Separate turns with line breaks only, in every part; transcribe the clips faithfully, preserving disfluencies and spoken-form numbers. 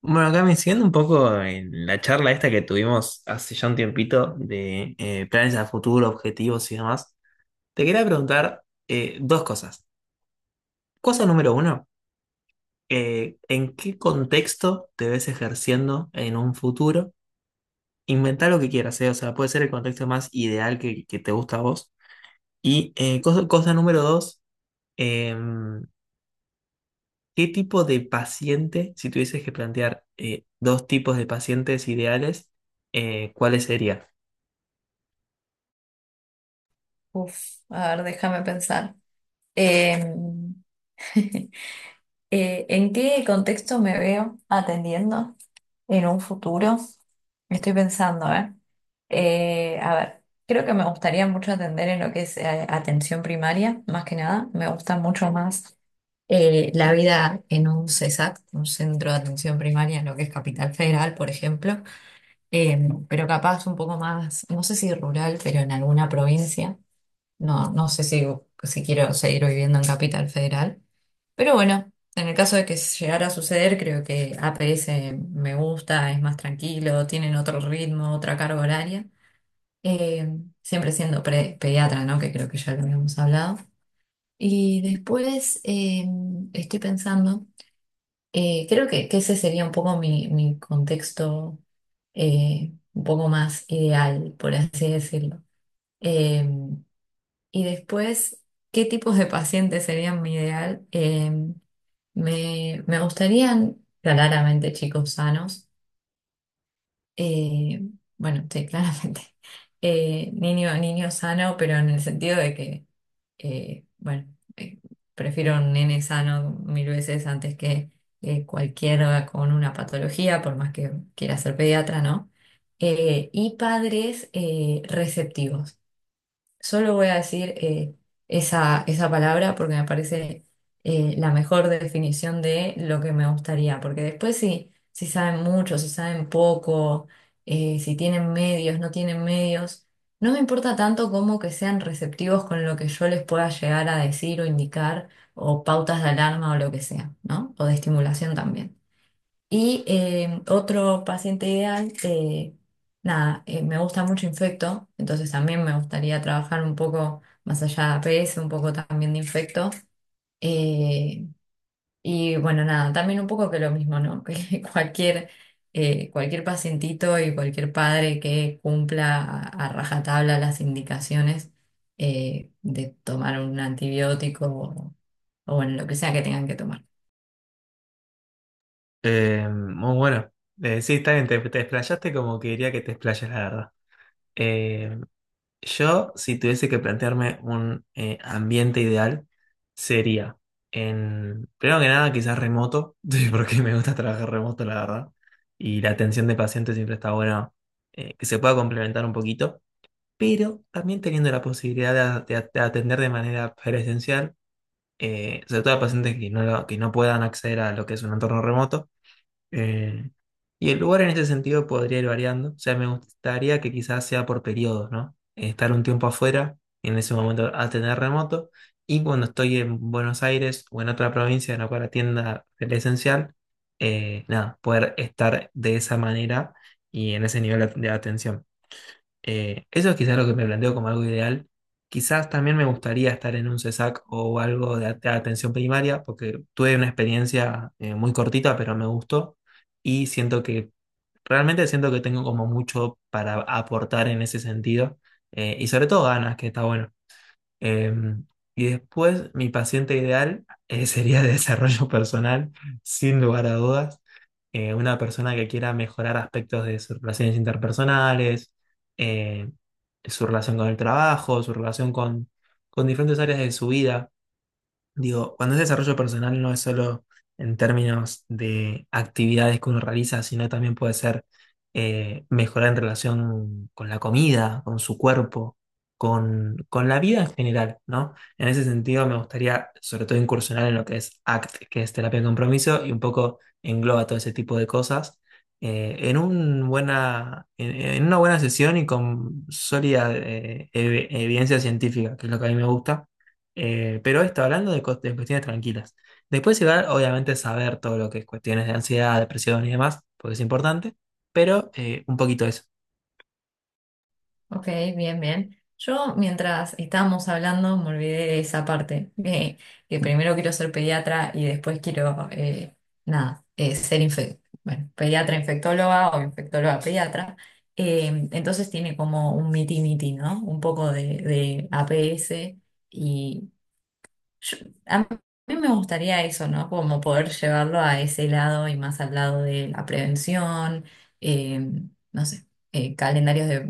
Bueno, acá me siguiendo un poco en la charla esta que tuvimos hace ya un tiempito de eh, planes a futuro, objetivos y demás, te quería preguntar eh, dos cosas. Cosa número uno, eh, ¿en qué contexto te ves ejerciendo en un futuro? Inventá lo que quieras, ¿eh? O sea, puede ser el contexto más ideal que, que te gusta a vos. Y eh, cosa, cosa número dos, em, ¿qué tipo de paciente, si tuvieses que plantear eh, dos tipos de pacientes ideales, eh, ¿cuáles serían?
Uf, a ver, déjame pensar. Em, eh, ¿en qué contexto me veo atendiendo en un futuro? Estoy pensando, ¿eh? Eh, a ver, creo que me gustaría mucho atender en lo que es eh, atención primaria, más que nada. Me gusta mucho más eh, la vida en un CESAC, un centro de atención primaria, en lo que es Capital Federal, por ejemplo. Em, pero capaz un poco más, no sé si rural, pero en alguna provincia. No, no sé si, si quiero seguir viviendo en Capital Federal, pero bueno, en el caso de que llegara a suceder, creo que A P E ese me gusta, es más tranquilo, tienen otro ritmo, otra carga horaria, eh, siempre siendo pre- pediatra, ¿no? Que creo que ya lo habíamos hablado. Y después eh, estoy pensando, eh, creo que, que ese sería un poco mi, mi contexto eh, un poco más ideal, por así decirlo. Eh, y después, ¿qué tipos de pacientes serían mi ideal? Eh, me, me gustarían claramente chicos sanos. Eh, bueno, sí, claramente. Eh, niño, niño sano, pero en el sentido de que, eh, bueno, eh, prefiero un nene sano mil veces antes que eh, cualquiera con una patología, por más que quiera ser pediatra, ¿no? Eh, y padres eh, receptivos. Solo voy a decir eh, esa, esa palabra porque me parece eh, la mejor definición de lo que me gustaría, porque después si, si saben mucho, si saben poco, eh, si tienen medios, no tienen medios, no me importa tanto como que sean receptivos con lo que yo les pueda llegar a decir o indicar, o pautas de alarma o lo que sea, ¿no? O de estimulación también. Y eh, otro paciente ideal, eh, nada, eh, me gusta mucho infecto, entonces también me gustaría trabajar un poco más allá de A P E ese, un poco también de infecto. Eh, y bueno, nada, también un poco que lo mismo, ¿no? Que cualquier, eh, cualquier pacientito y cualquier padre que cumpla a, a rajatabla las indicaciones eh, de tomar un antibiótico o, o bueno, lo que sea que tengan que tomar.
Eh, muy bueno. Eh, sí, está bien, te, te explayaste como quería que te explayes, la verdad. Eh, yo, si tuviese que plantearme un eh, ambiente ideal, sería en, primero que nada, quizás remoto, sí, porque me gusta trabajar remoto, la verdad. Y la atención de pacientes siempre está buena, eh, que se pueda complementar un poquito, pero también teniendo la posibilidad de, de- de atender de manera presencial, eh, sobre todo a pacientes que no, lo- que no puedan acceder a lo que es un entorno remoto eh, y el lugar en ese sentido podría ir variando. O sea, me gustaría que quizás sea por periodos, ¿no? Estar un tiempo afuera, en ese momento atender remoto, y cuando estoy en Buenos Aires o en otra provincia, en la cual atienda presencial, eh, nada, poder estar de esa manera y en ese nivel de atención. Eh, eso es quizás lo que me planteo como algo ideal. Quizás también me gustaría estar en un C E S A C o algo de at- atención primaria, porque tuve una experiencia eh, muy cortita, pero me gustó y siento que realmente siento que tengo como mucho para aportar en ese sentido eh, y sobre todo ganas, que está bueno. Eh, y después mi paciente ideal eh, sería de desarrollo personal, sin lugar a dudas eh, una persona que quiera mejorar aspectos de sus relaciones interpersonales, eh, su relación con el trabajo, su relación con, con diferentes áreas de su vida. Digo, cuando es desarrollo personal no es solo en términos de actividades que uno realiza, sino también puede ser eh, mejorar en relación con la comida, con su cuerpo, con, con la vida en general, ¿no? En ese sentido me gustaría sobre todo incursionar en lo que es A C T, que es terapia de compromiso, y un poco engloba todo ese tipo de cosas eh, en un buena, en, en una buena sesión y con sólida eh, ev- evidencia científica, que es lo que a mí me gusta eh, pero está hablando de, cos- de cuestiones tranquilas. Después igual, obviamente, saber todo lo que es cuestiones de ansiedad, depresión y demás, porque es importante, pero eh, un poquito eso.
Ok, bien, bien. Yo, mientras estábamos hablando, me olvidé de esa parte, que, que primero quiero ser pediatra y después quiero, eh, nada, eh, ser infe- bueno, pediatra infectóloga o infectóloga pediatra. Eh, entonces tiene como un miti-miti, ¿no? Un poco de, de A P E ese yo- a mí me gustaría eso, ¿no? Como poder llevarlo a ese lado y más al lado de la prevención, eh, no sé, eh, calendarios de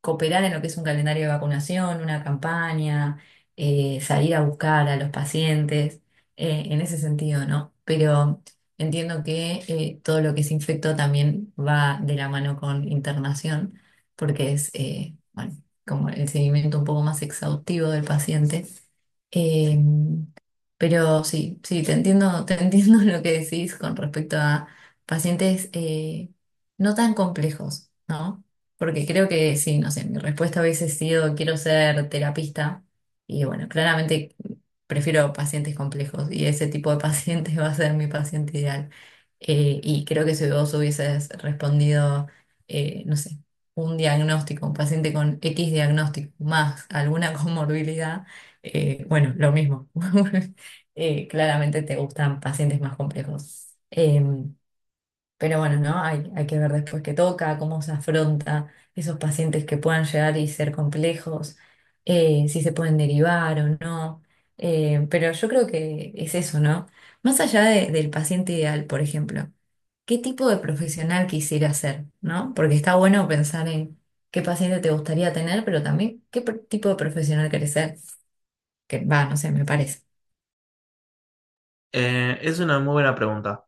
cooperar en lo que es un calendario de vacunación, una campaña, eh, salir a buscar a los pacientes, eh, en ese sentido, ¿no? Pero entiendo que eh, todo lo que es infecto también va de la mano con internación, porque es, eh, bueno, como el seguimiento un poco más exhaustivo del paciente. Em, pero sí, sí, te entiendo, te entiendo lo que decís con respecto a pacientes eh, no tan complejos, ¿no? Porque creo que sí, no sé, mi respuesta hubiese sido quiero ser terapista y bueno, claramente prefiero pacientes complejos y ese tipo de paciente va a ser mi paciente ideal. Eh, y creo que si vos hubieses respondido, eh, no sé, un diagnóstico, un paciente con X diagnóstico más alguna comorbilidad, eh, bueno, lo mismo. Eh, claramente te gustan pacientes más complejos. Em, pero bueno, ¿no? Hay, hay que ver después qué toca, cómo se afronta esos pacientes que puedan llegar y ser complejos, eh, si se pueden derivar o no. Em, pero yo creo que es eso, ¿no? Más allá de- del paciente ideal, por ejemplo, ¿qué tipo de profesional quisiera ser, ¿no? Porque está bueno pensar en qué paciente te gustaría tener, pero también qué pro- tipo de profesional querés ser. Que va, no sé, me parece.
Eh, es una muy buena pregunta.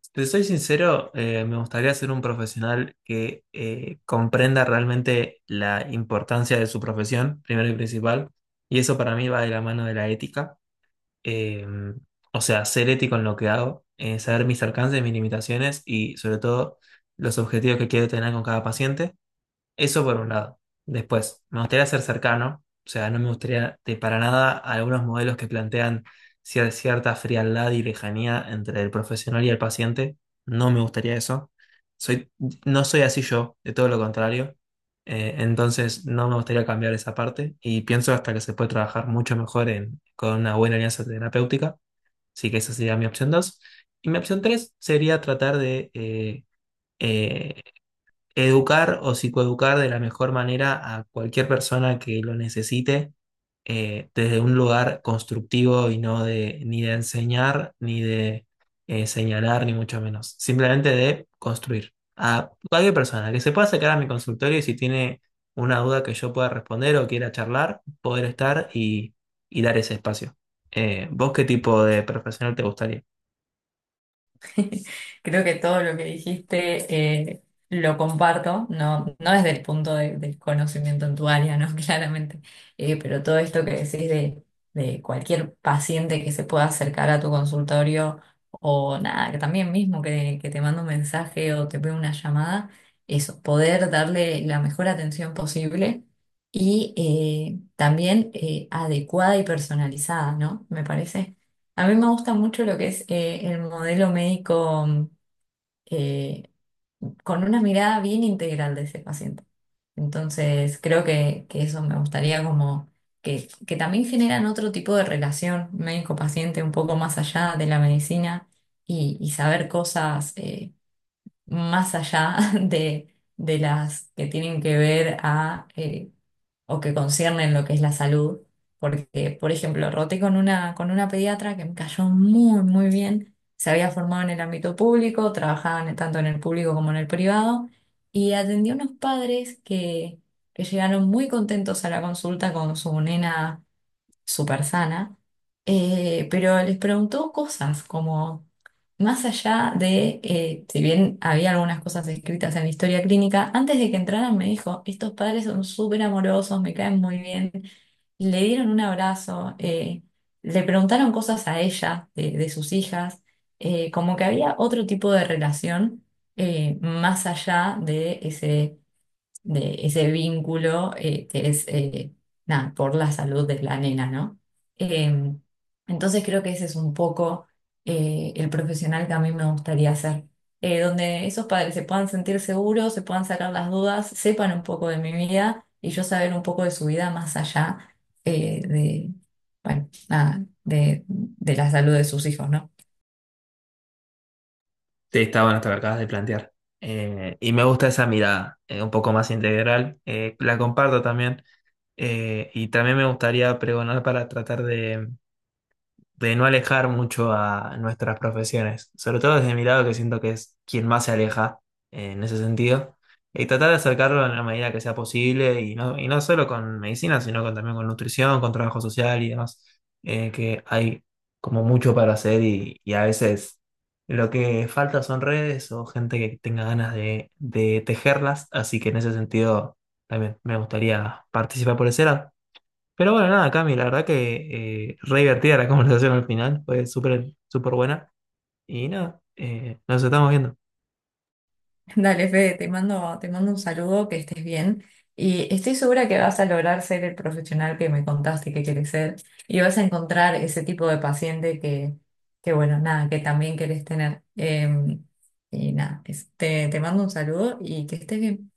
Si te soy sincero, eh, me gustaría ser un profesional que eh, comprenda realmente la importancia de su profesión, primero y principal, y eso para mí va de la mano de la ética eh, o sea, ser ético en lo que hago, eh, saber mis alcances, mis limitaciones y sobre todo los objetivos que quiero tener con cada paciente. Eso por un lado. Después, me gustaría ser cercano, o sea, no me gustaría de para nada algunos modelos que plantean cier- cierta frialdad y lejanía entre el profesional y el paciente. No me gustaría eso. Soy, no soy así yo, de todo lo contrario. Eh, entonces, no me gustaría cambiar esa parte y pienso hasta que se puede trabajar mucho mejor en- con una buena alianza terapéutica. Así que esa sería mi opción dos. Y mi opción tres sería tratar de... eh, eh, educar o psicoeducar de la mejor manera a cualquier persona que lo necesite eh, desde un lugar constructivo y no de ni de enseñar ni de eh, señalar ni mucho menos, simplemente de construir a cualquier persona que se pueda acercar a mi consultorio y si tiene una duda que yo pueda responder o quiera charlar, poder estar y, y dar ese espacio. Eh, ¿vos qué tipo de profesional te gustaría?
Creo que todo lo que dijiste eh, lo comparto, no, no desde el punto de- del conocimiento en tu área, ¿no? Claramente. Eh, pero todo esto que decís de, de cualquier paciente que se pueda acercar a tu consultorio o nada, que también mismo que, que te manda un mensaje o te ve una llamada, eso, poder darle la mejor atención posible y eh, también eh, adecuada y personalizada, ¿no? Me parece. A mí me gusta mucho lo que es eh, el modelo médico mm, eh, con una mirada bien integral de ese paciente. Entonces, creo que, que eso me gustaría como que, que también generan otro tipo de relación médico-paciente un poco más allá de la medicina y, y saber cosas eh, más allá de, de las que tienen que ver a... eh, o que conciernen lo que es la salud, porque, por ejemplo, roté con una, con una pediatra que me cayó muy, muy bien, se había formado en el ámbito público, trabajaba en- tanto en el público como en el privado, y atendió a unos padres que, que llegaron muy contentos a la consulta con su nena súper sana, eh, pero les preguntó cosas como, más allá de, eh, si bien había algunas cosas escritas en la historia clínica, antes de que entraran me dijo, estos padres son súper amorosos, me caen muy bien, le dieron un abrazo, eh, le preguntaron cosas a ella, de, de sus hijas, eh, como que había otro tipo de relación eh, más allá de ese de ese vínculo eh, que es eh, nada, por la salud de la nena, ¿no? Eh, entonces creo que ese es un poco eh, el profesional que a mí me gustaría ser, eh, donde esos padres se puedan sentir seguros, se puedan sacar las dudas, sepan un poco de mi vida y yo saber un poco de su vida más allá eh, de, bueno, nada, de, de la salud de sus hijos, ¿no?
Sí, está bueno esto que acabas de plantear. Eh, y me gusta esa mirada, eh, un poco más integral. Eh, la comparto también. Eh, y también me gustaría pregonar para tratar de, de no alejar mucho a nuestras profesiones, sobre todo desde mi lado que siento que es quien más se aleja eh, en ese sentido, y tratar de acercarlo en la medida que sea posible, y no, y no solo con medicina, sino con, también con nutrición, con trabajo social y demás, eh, que hay como mucho para hacer y, y a veces lo que falta son redes o gente que tenga ganas de, de tejerlas, así que en ese sentido también me gustaría participar por ese lado. Pero bueno, nada, Cami, la verdad que eh, re divertida la conversación al final, fue súper súper buena. Y nada, eh, nos estamos viendo.
Dale, Fede, te mando, te mando un saludo, que estés bien. Y estoy segura que vas a lograr ser el profesional que me contaste que quieres ser. Y vas a encontrar ese tipo de paciente que, que bueno, nada, que también querés tener. Eh, y nada, es- te, te mando un saludo y que estés bien.